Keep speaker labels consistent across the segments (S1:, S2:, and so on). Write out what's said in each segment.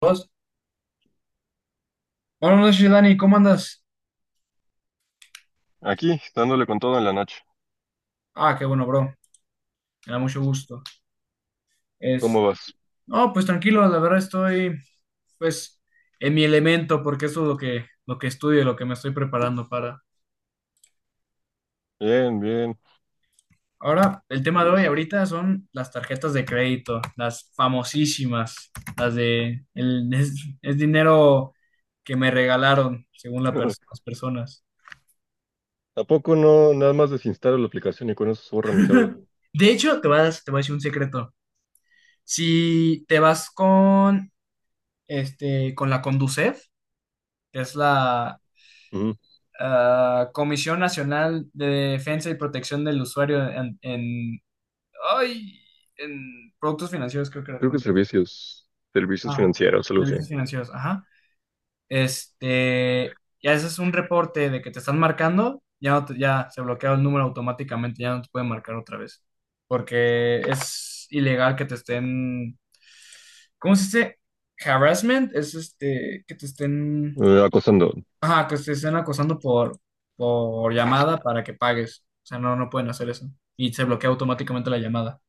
S1: Dos. Buenas noches, Dani, ¿cómo andas?
S2: Aquí, dándole con todo en la noche.
S1: Ah, qué bueno, bro. Me da mucho gusto.
S2: ¿Cómo
S1: Es,
S2: vas?
S1: no, pues tranquilo, la verdad estoy, pues, en mi elemento, porque eso es lo que estudio, lo que me estoy preparando para.
S2: Bien, bien,
S1: Ahora, el
S2: me
S1: tema de hoy
S2: gusta.
S1: ahorita son las tarjetas de crédito, las famosísimas, las de, el, es dinero que me regalaron, según la pers- las personas.
S2: ¿A poco no nada más desinstalo la aplicación y con eso se borra mi deuda?
S1: De hecho, te voy a decir un secreto. Si te vas con, con la Conducef, que es la
S2: Ujú.
S1: Comisión Nacional de Defensa y Protección del Usuario ay, en productos financieros, creo que era
S2: Creo que servicios, servicios
S1: ah,
S2: financieros, algo así.
S1: servicios financieros, ajá. Ya ese es un reporte de que te están marcando, ya, no te- ya se bloquea el número automáticamente, ya no te pueden marcar otra vez, porque es ilegal que te estén, ¿cómo se dice? Harassment, que te estén
S2: Acosando.
S1: Ajá, que te estén acosando por, llamada para que pagues. O sea, no, no pueden hacer eso. Y se bloquea automáticamente la llamada.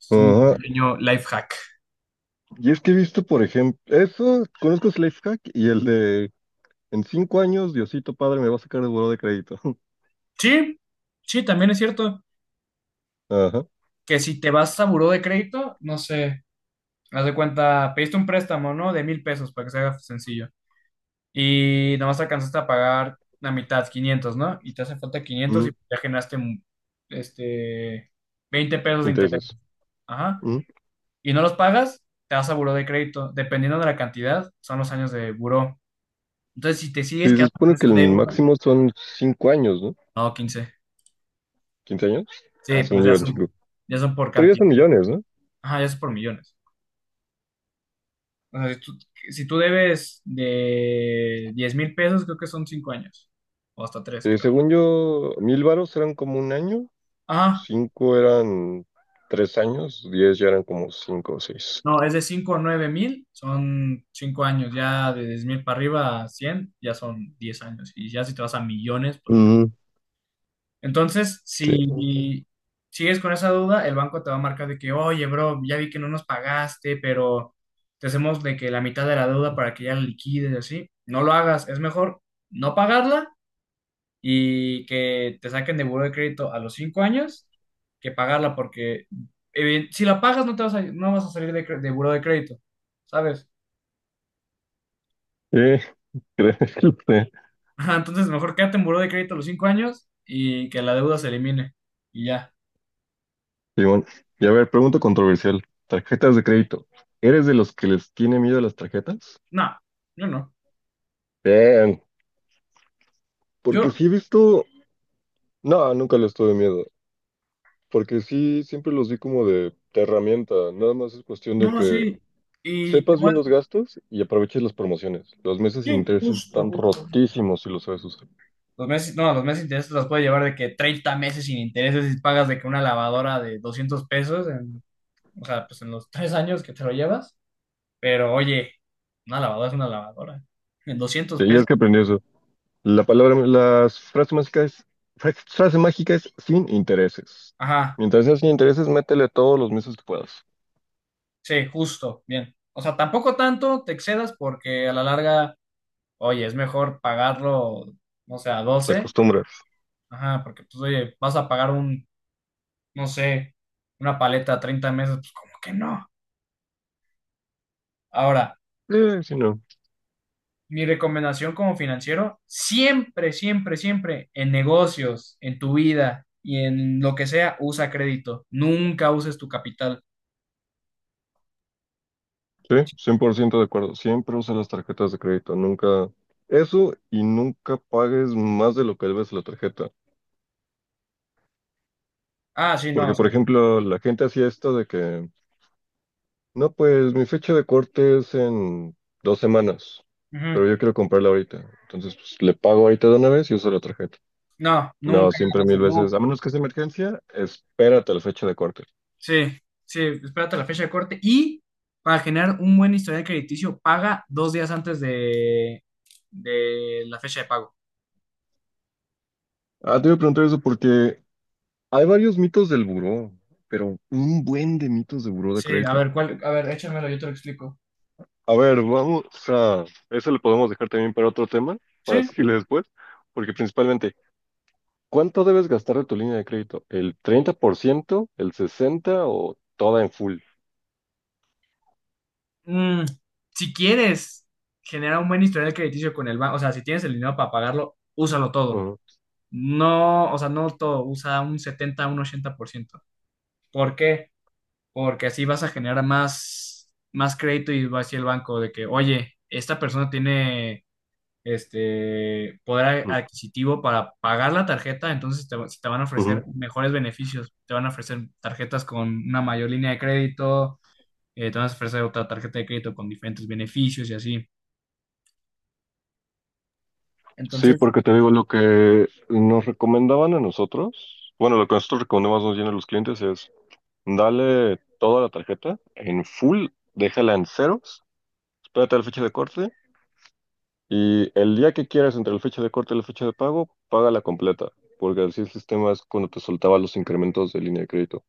S1: Es un
S2: Ajá.
S1: pequeño life hack.
S2: Y es que he visto, por ejemplo, eso, conozco ese life hack y el de en 5 años, Diosito Padre me va a sacar de buró de crédito.
S1: Sí, sí, también es cierto
S2: Ajá,
S1: que si te vas a buró de crédito, no sé, haz de cuenta, pediste un préstamo, ¿no? De 1,000 pesos para que se haga sencillo. Y nomás alcanzaste a pagar la mitad, 500, ¿no? Y te hace falta 500 y
S2: ujú.
S1: ya generaste este, 20 pesos de interés.
S2: Intereses.
S1: Ajá.
S2: Ujú.
S1: Y no los pagas, te vas a buró de crédito. Dependiendo de la cantidad, son los años de buró. Entonces, si te sigues
S2: Sí, se
S1: quedando con
S2: supone que
S1: esa
S2: el
S1: deuda,
S2: máximo son 5 años, ¿no?
S1: no, 15.
S2: ¿15 años? Ah,
S1: Sí, pero
S2: según yo
S1: ya
S2: eran 5.
S1: son, ya son por
S2: Pero ya son
S1: cantidad.
S2: millones, ¿no?
S1: Ajá, ya son por millones. O sea, si tú debes de 10,000 pesos, creo que son 5 años. O hasta 3
S2: Sí,
S1: creo.
S2: según yo, 1000 varos eran como un año,
S1: Ajá.
S2: 5 eran 3 años, 10 ya eran como 5 o 6.
S1: No, es de 5,000 a 9,000, son 5 años. Ya de 10,000 para arriba a 100, ya son 10 años. Y ya si te vas a millones, pues...
S2: Mm,
S1: Entonces,
S2: sí.
S1: si sigues con esa duda, el banco te va a marcar de que, oye, bro, ya vi que no nos pagaste, pero te hacemos de que la mitad de la deuda para que ya la liquides, así. No lo hagas, es mejor no pagarla y que te saquen de buró de crédito a los 5 años que pagarla, porque si la pagas no vas a salir de buró de crédito, ¿sabes?
S2: Eh, créeme.
S1: Ajá. Entonces, mejor quédate en buró de crédito a los 5 años y que la deuda se elimine y ya.
S2: Simón. Y a ver, pregunta controversial. Tarjetas de crédito. ¿Eres de los que les tiene miedo a las tarjetas?
S1: No, yo no.
S2: Bien, porque
S1: Yo,
S2: sí he visto... No, nunca les tuve miedo. Porque sí, siempre los vi como de herramienta. Nada más es cuestión de
S1: No,
S2: que
S1: sí. Y te
S2: sepas
S1: voy
S2: bien los
S1: a-
S2: gastos y aproveches las promociones. Los meses sin
S1: Sí,
S2: intereses
S1: justo,
S2: están
S1: justo.
S2: rotísimos si lo sabes usar.
S1: Los meses, no, los meses de intereses los puedes llevar de que 30 meses sin intereses y pagas de que una lavadora de 200 pesos, o sea, pues en los 3 años que te lo llevas. Pero oye, una lavadora es una lavadora. En doscientos
S2: Tenías
S1: pesos.
S2: que aprender eso. La palabra, las frases mágicas, frase mágica es sin intereses.
S1: Ajá,
S2: Mientras sea sin intereses, métele todos los meses que puedas.
S1: sí, justo, bien. O sea, tampoco tanto te excedas porque a la larga, oye, es mejor pagarlo, no sé, a
S2: Te
S1: 12.
S2: acostumbras.
S1: Ajá, porque pues oye, vas a pagar no sé, una paleta a 30 meses, pues como que no. Ahora,
S2: Si no.
S1: mi recomendación como financiero, siempre, siempre, siempre en negocios, en tu vida y en lo que sea, usa crédito. Nunca uses tu capital.
S2: Sí, 100% de acuerdo. Siempre usa las tarjetas de crédito. Nunca eso y nunca pagues más de lo que debes la tarjeta.
S1: Ah, sí, no. O
S2: Porque, por
S1: sea,
S2: ejemplo, la gente hacía esto de que no, pues mi fecha de corte es en 2 semanas,
S1: ujú.
S2: pero yo quiero comprarla ahorita. Entonces, pues le pago ahorita de una vez y uso la tarjeta.
S1: No,
S2: No,
S1: nunca hagan
S2: siempre
S1: eso,
S2: mil veces,
S1: no.
S2: a menos que sea emergencia, espérate a la fecha de corte.
S1: Sí, sí, espérate la fecha de corte y para generar un buen historial crediticio, paga 2 días antes de la fecha de pago.
S2: Ah, te voy a preguntar eso porque hay varios mitos del buró, pero un buen de mitos de buró de
S1: Sí, a
S2: crédito.
S1: ver, ¿cuál? A ver, échamelo, yo te lo explico.
S2: A ver, vamos a... Eso lo podemos dejar también para otro tema, para
S1: Sí.
S2: seguirle después, porque principalmente, ¿cuánto debes gastar de tu línea de crédito? ¿El 30%, el 60% o toda en full?
S1: Mm, si quieres generar un buen historial crediticio con el banco, o sea, si tienes el dinero para pagarlo, úsalo todo. No, o sea, no todo, usa un 70, un 80%, por ciento. ¿Por qué? Porque así vas a generar más, más crédito y va hacia el banco de que, oye, esta persona tiene este poder
S2: Mm,
S1: adquisitivo para pagar la tarjeta, entonces te van a
S2: ujú.
S1: ofrecer mejores beneficios, te van a ofrecer tarjetas con una mayor línea de crédito, te van a ofrecer otra tarjeta de crédito con diferentes beneficios y así.
S2: Sí,
S1: Entonces,
S2: porque te digo, lo que nos recomendaban a nosotros, bueno, lo que nosotros recomendamos más bien a los clientes es, dale toda la tarjeta en full, déjala en ceros, espérate a la fecha de corte y el día que quieras entre la fecha de corte y la fecha de pago, págala completa, porque así el sistema es cuando te soltaba los incrementos de línea de crédito.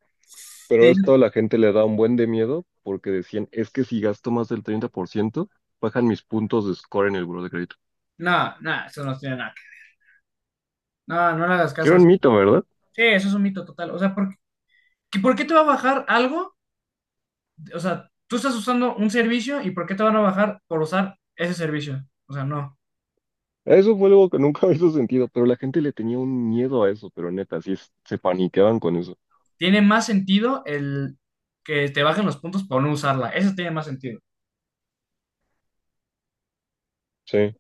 S1: te
S2: Pero
S1: digo,
S2: esto a la gente le da un buen de miedo porque decían, es que si gasto más del 30% bajan mis puntos de score en el buro de crédito.
S1: no, no, eso no tiene nada. No, no le hagas caso
S2: Era
S1: a
S2: un
S1: eso.
S2: mito, ¿verdad?
S1: Sí, eso es un mito total. O sea, ¿por qué te va a bajar algo? O sea, tú estás usando un servicio y ¿por qué te van a bajar por usar ese servicio? O sea, no.
S2: Eso fue algo que nunca me hizo sentido, pero la gente le tenía un miedo a eso, pero neta, sí se paniqueaban con eso.
S1: Tiene más sentido el que te bajen los puntos por no usarla. Eso tiene más sentido.
S2: Sí,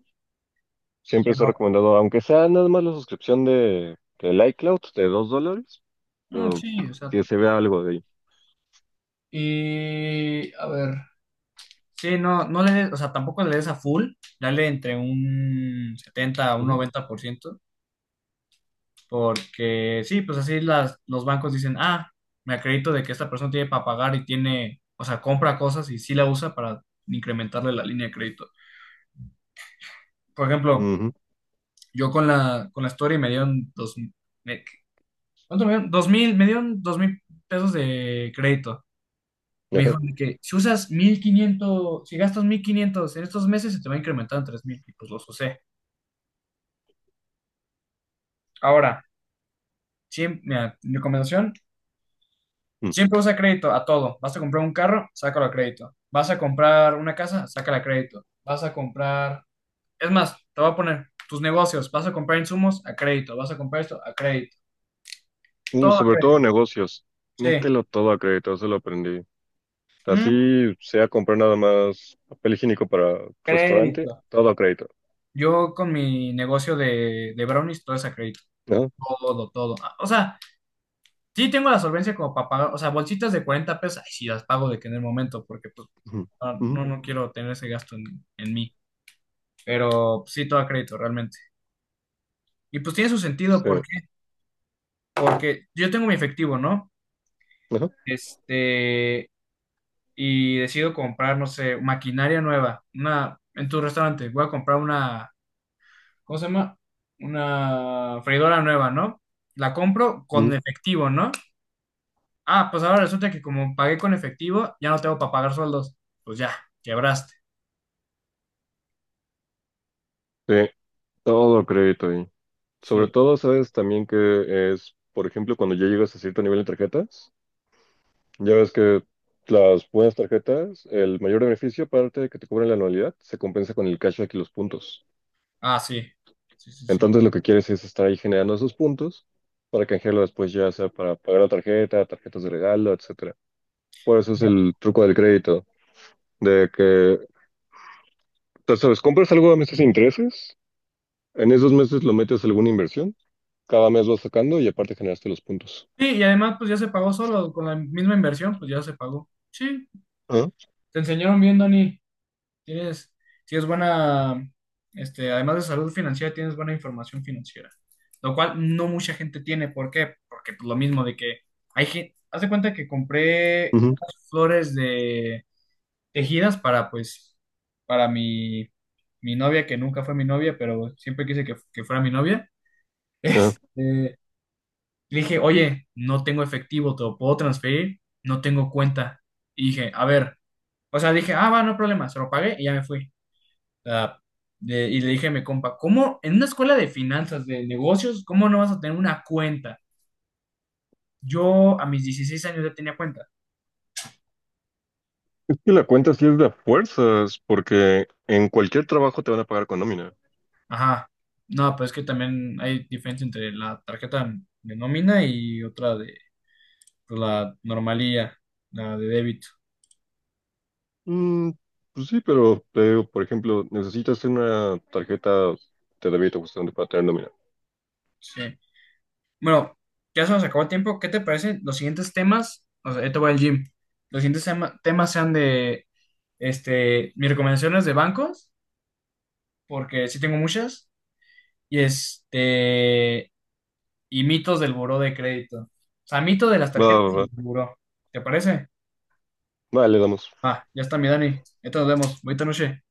S2: siempre se ha
S1: Pero,
S2: recomendado, aunque sea nada más la suscripción del iCloud de $2,
S1: mm,
S2: pero
S1: sí,
S2: que
S1: exacto.
S2: se vea algo de ahí.
S1: Y, a ver. Sí, no, no le des, o sea, tampoco le des a full, dale entre un setenta a un
S2: Ujú,
S1: noventa por ciento, porque sí, pues así los bancos dicen, ah, me acredito de que esta persona tiene para pagar y tiene, o sea, compra cosas y sí la usa para incrementarle la línea de crédito. Por ejemplo,
S2: ujú,
S1: yo con la Story me dieron dos, me- ¿cuánto me dieron? 2,000, me dieron 2,000 pesos de crédito. Me
S2: ajá,
S1: dijo de que si usas 1,500, si gastas 1,500 en estos meses, se te va a incrementar en 3,000 y pues los usé. Ahora, mira, mi recomendación,
S2: mm.
S1: siempre usa crédito a todo. Vas a comprar un carro, sácalo a crédito. Vas a comprar una casa, sácala a crédito. Vas a comprar, es más, te voy a poner tus negocios. Vas a comprar insumos a crédito. Vas a comprar esto a crédito. Todo a
S2: Sobre todo
S1: crédito.
S2: negocios,
S1: Sí.
S2: mételo todo a crédito, eso lo aprendí.
S1: Mm,
S2: Así sea comprar nada más papel higiénico para restaurante,
S1: Crédito.
S2: todo a crédito.
S1: Yo con mi negocio de brownies, todo es a crédito.
S2: Ajá,
S1: Todo, todo. Ah, o sea, sí tengo la solvencia como para pagar, o sea, bolsitas de 40 pesos, ay, sí las pago de que en el momento, porque pues
S2: ujú, ujú,
S1: no, no quiero tener ese gasto en mí. Pero pues, sí, todo a crédito, realmente. Y pues tiene su sentido,
S2: sí,
S1: ¿por qué? Porque yo tengo mi efectivo, ¿no?
S2: ajá,
S1: Este, y decido comprar, no sé, maquinaria nueva, una, en tu restaurante, voy a comprar una, ¿cómo se llama? Una freidora nueva, ¿no? La compro con
S2: ujú,
S1: efectivo, ¿no? Ah, pues ahora resulta que como pagué con efectivo, ya no tengo para pagar sueldos. Pues ya, quebraste.
S2: sí, todo a crédito. Sobre
S1: Sí.
S2: todo, sabes también que es, por ejemplo, cuando ya llegas a cierto nivel de tarjetas, ya ves que las buenas tarjetas, el mayor beneficio, aparte de que te cobran la anualidad, se compensa con el cashback y los puntos.
S1: Ah, sí. Sí, sí, sí.
S2: Entonces, lo que quieres es estar ahí generando esos puntos para canjearlo después, ya sea para pagar la tarjeta, tarjetas de regalo, etcétera. Por eso es el truco del crédito, de que, tú sabes, compras algo a meses sin intereses, en esos meses lo metes a alguna inversión, cada mes vas sacando y aparte generaste los puntos.
S1: Sí, y además, pues ya se pagó solo, con la misma inversión, pues ya se pagó. Sí,
S2: Ah,
S1: te enseñaron bien, Dani. Tienes, tienes buena, además de salud financiera, tienes buena información financiera, lo cual no mucha gente tiene. ¿Por qué? Porque pues, lo mismo de que hay gente, haz de cuenta que compré
S2: ujú,
S1: unas flores de tejidas para, pues, para mi novia, que nunca fue mi novia, pero siempre quise que fuera mi novia.
S2: ajá.
S1: Este, Le dije, oye, no tengo efectivo, ¿te lo puedo transferir? No tengo cuenta. Y dije, a ver. O sea, dije, ah, va, no hay problema, se lo pagué y ya me fui. Ah, y le dije a mi compa, ¿cómo en una escuela de finanzas, de negocios, cómo no vas a tener una cuenta? Yo a mis 16 años ya tenía cuenta.
S2: Y la cuenta sí es de a fuerzas, porque en cualquier trabajo te van a pagar con nómina.
S1: Ajá. No, pues es que también hay diferencia entre la tarjeta de nómina y otra de, pues, la normalía, la de débito.
S2: Mm, pues sí, pero te digo, por ejemplo, necesitas una tarjeta de débito justamente para tener nómina.
S1: Sí. Bueno, ya se nos acabó el tiempo. ¿Qué te parece? Los siguientes temas, o sea, yo te voy al gym. Los siguientes temas sean de, mis recomendaciones de bancos, porque sí tengo muchas. y este y mitos del buró de crédito. O sea, mito de las
S2: Va, va,
S1: tarjetas y
S2: va.
S1: del buró. ¿Te parece?
S2: Vale, le damos.
S1: Ah, ya está mi Dani. Entonces nos vemos. Buenas noches.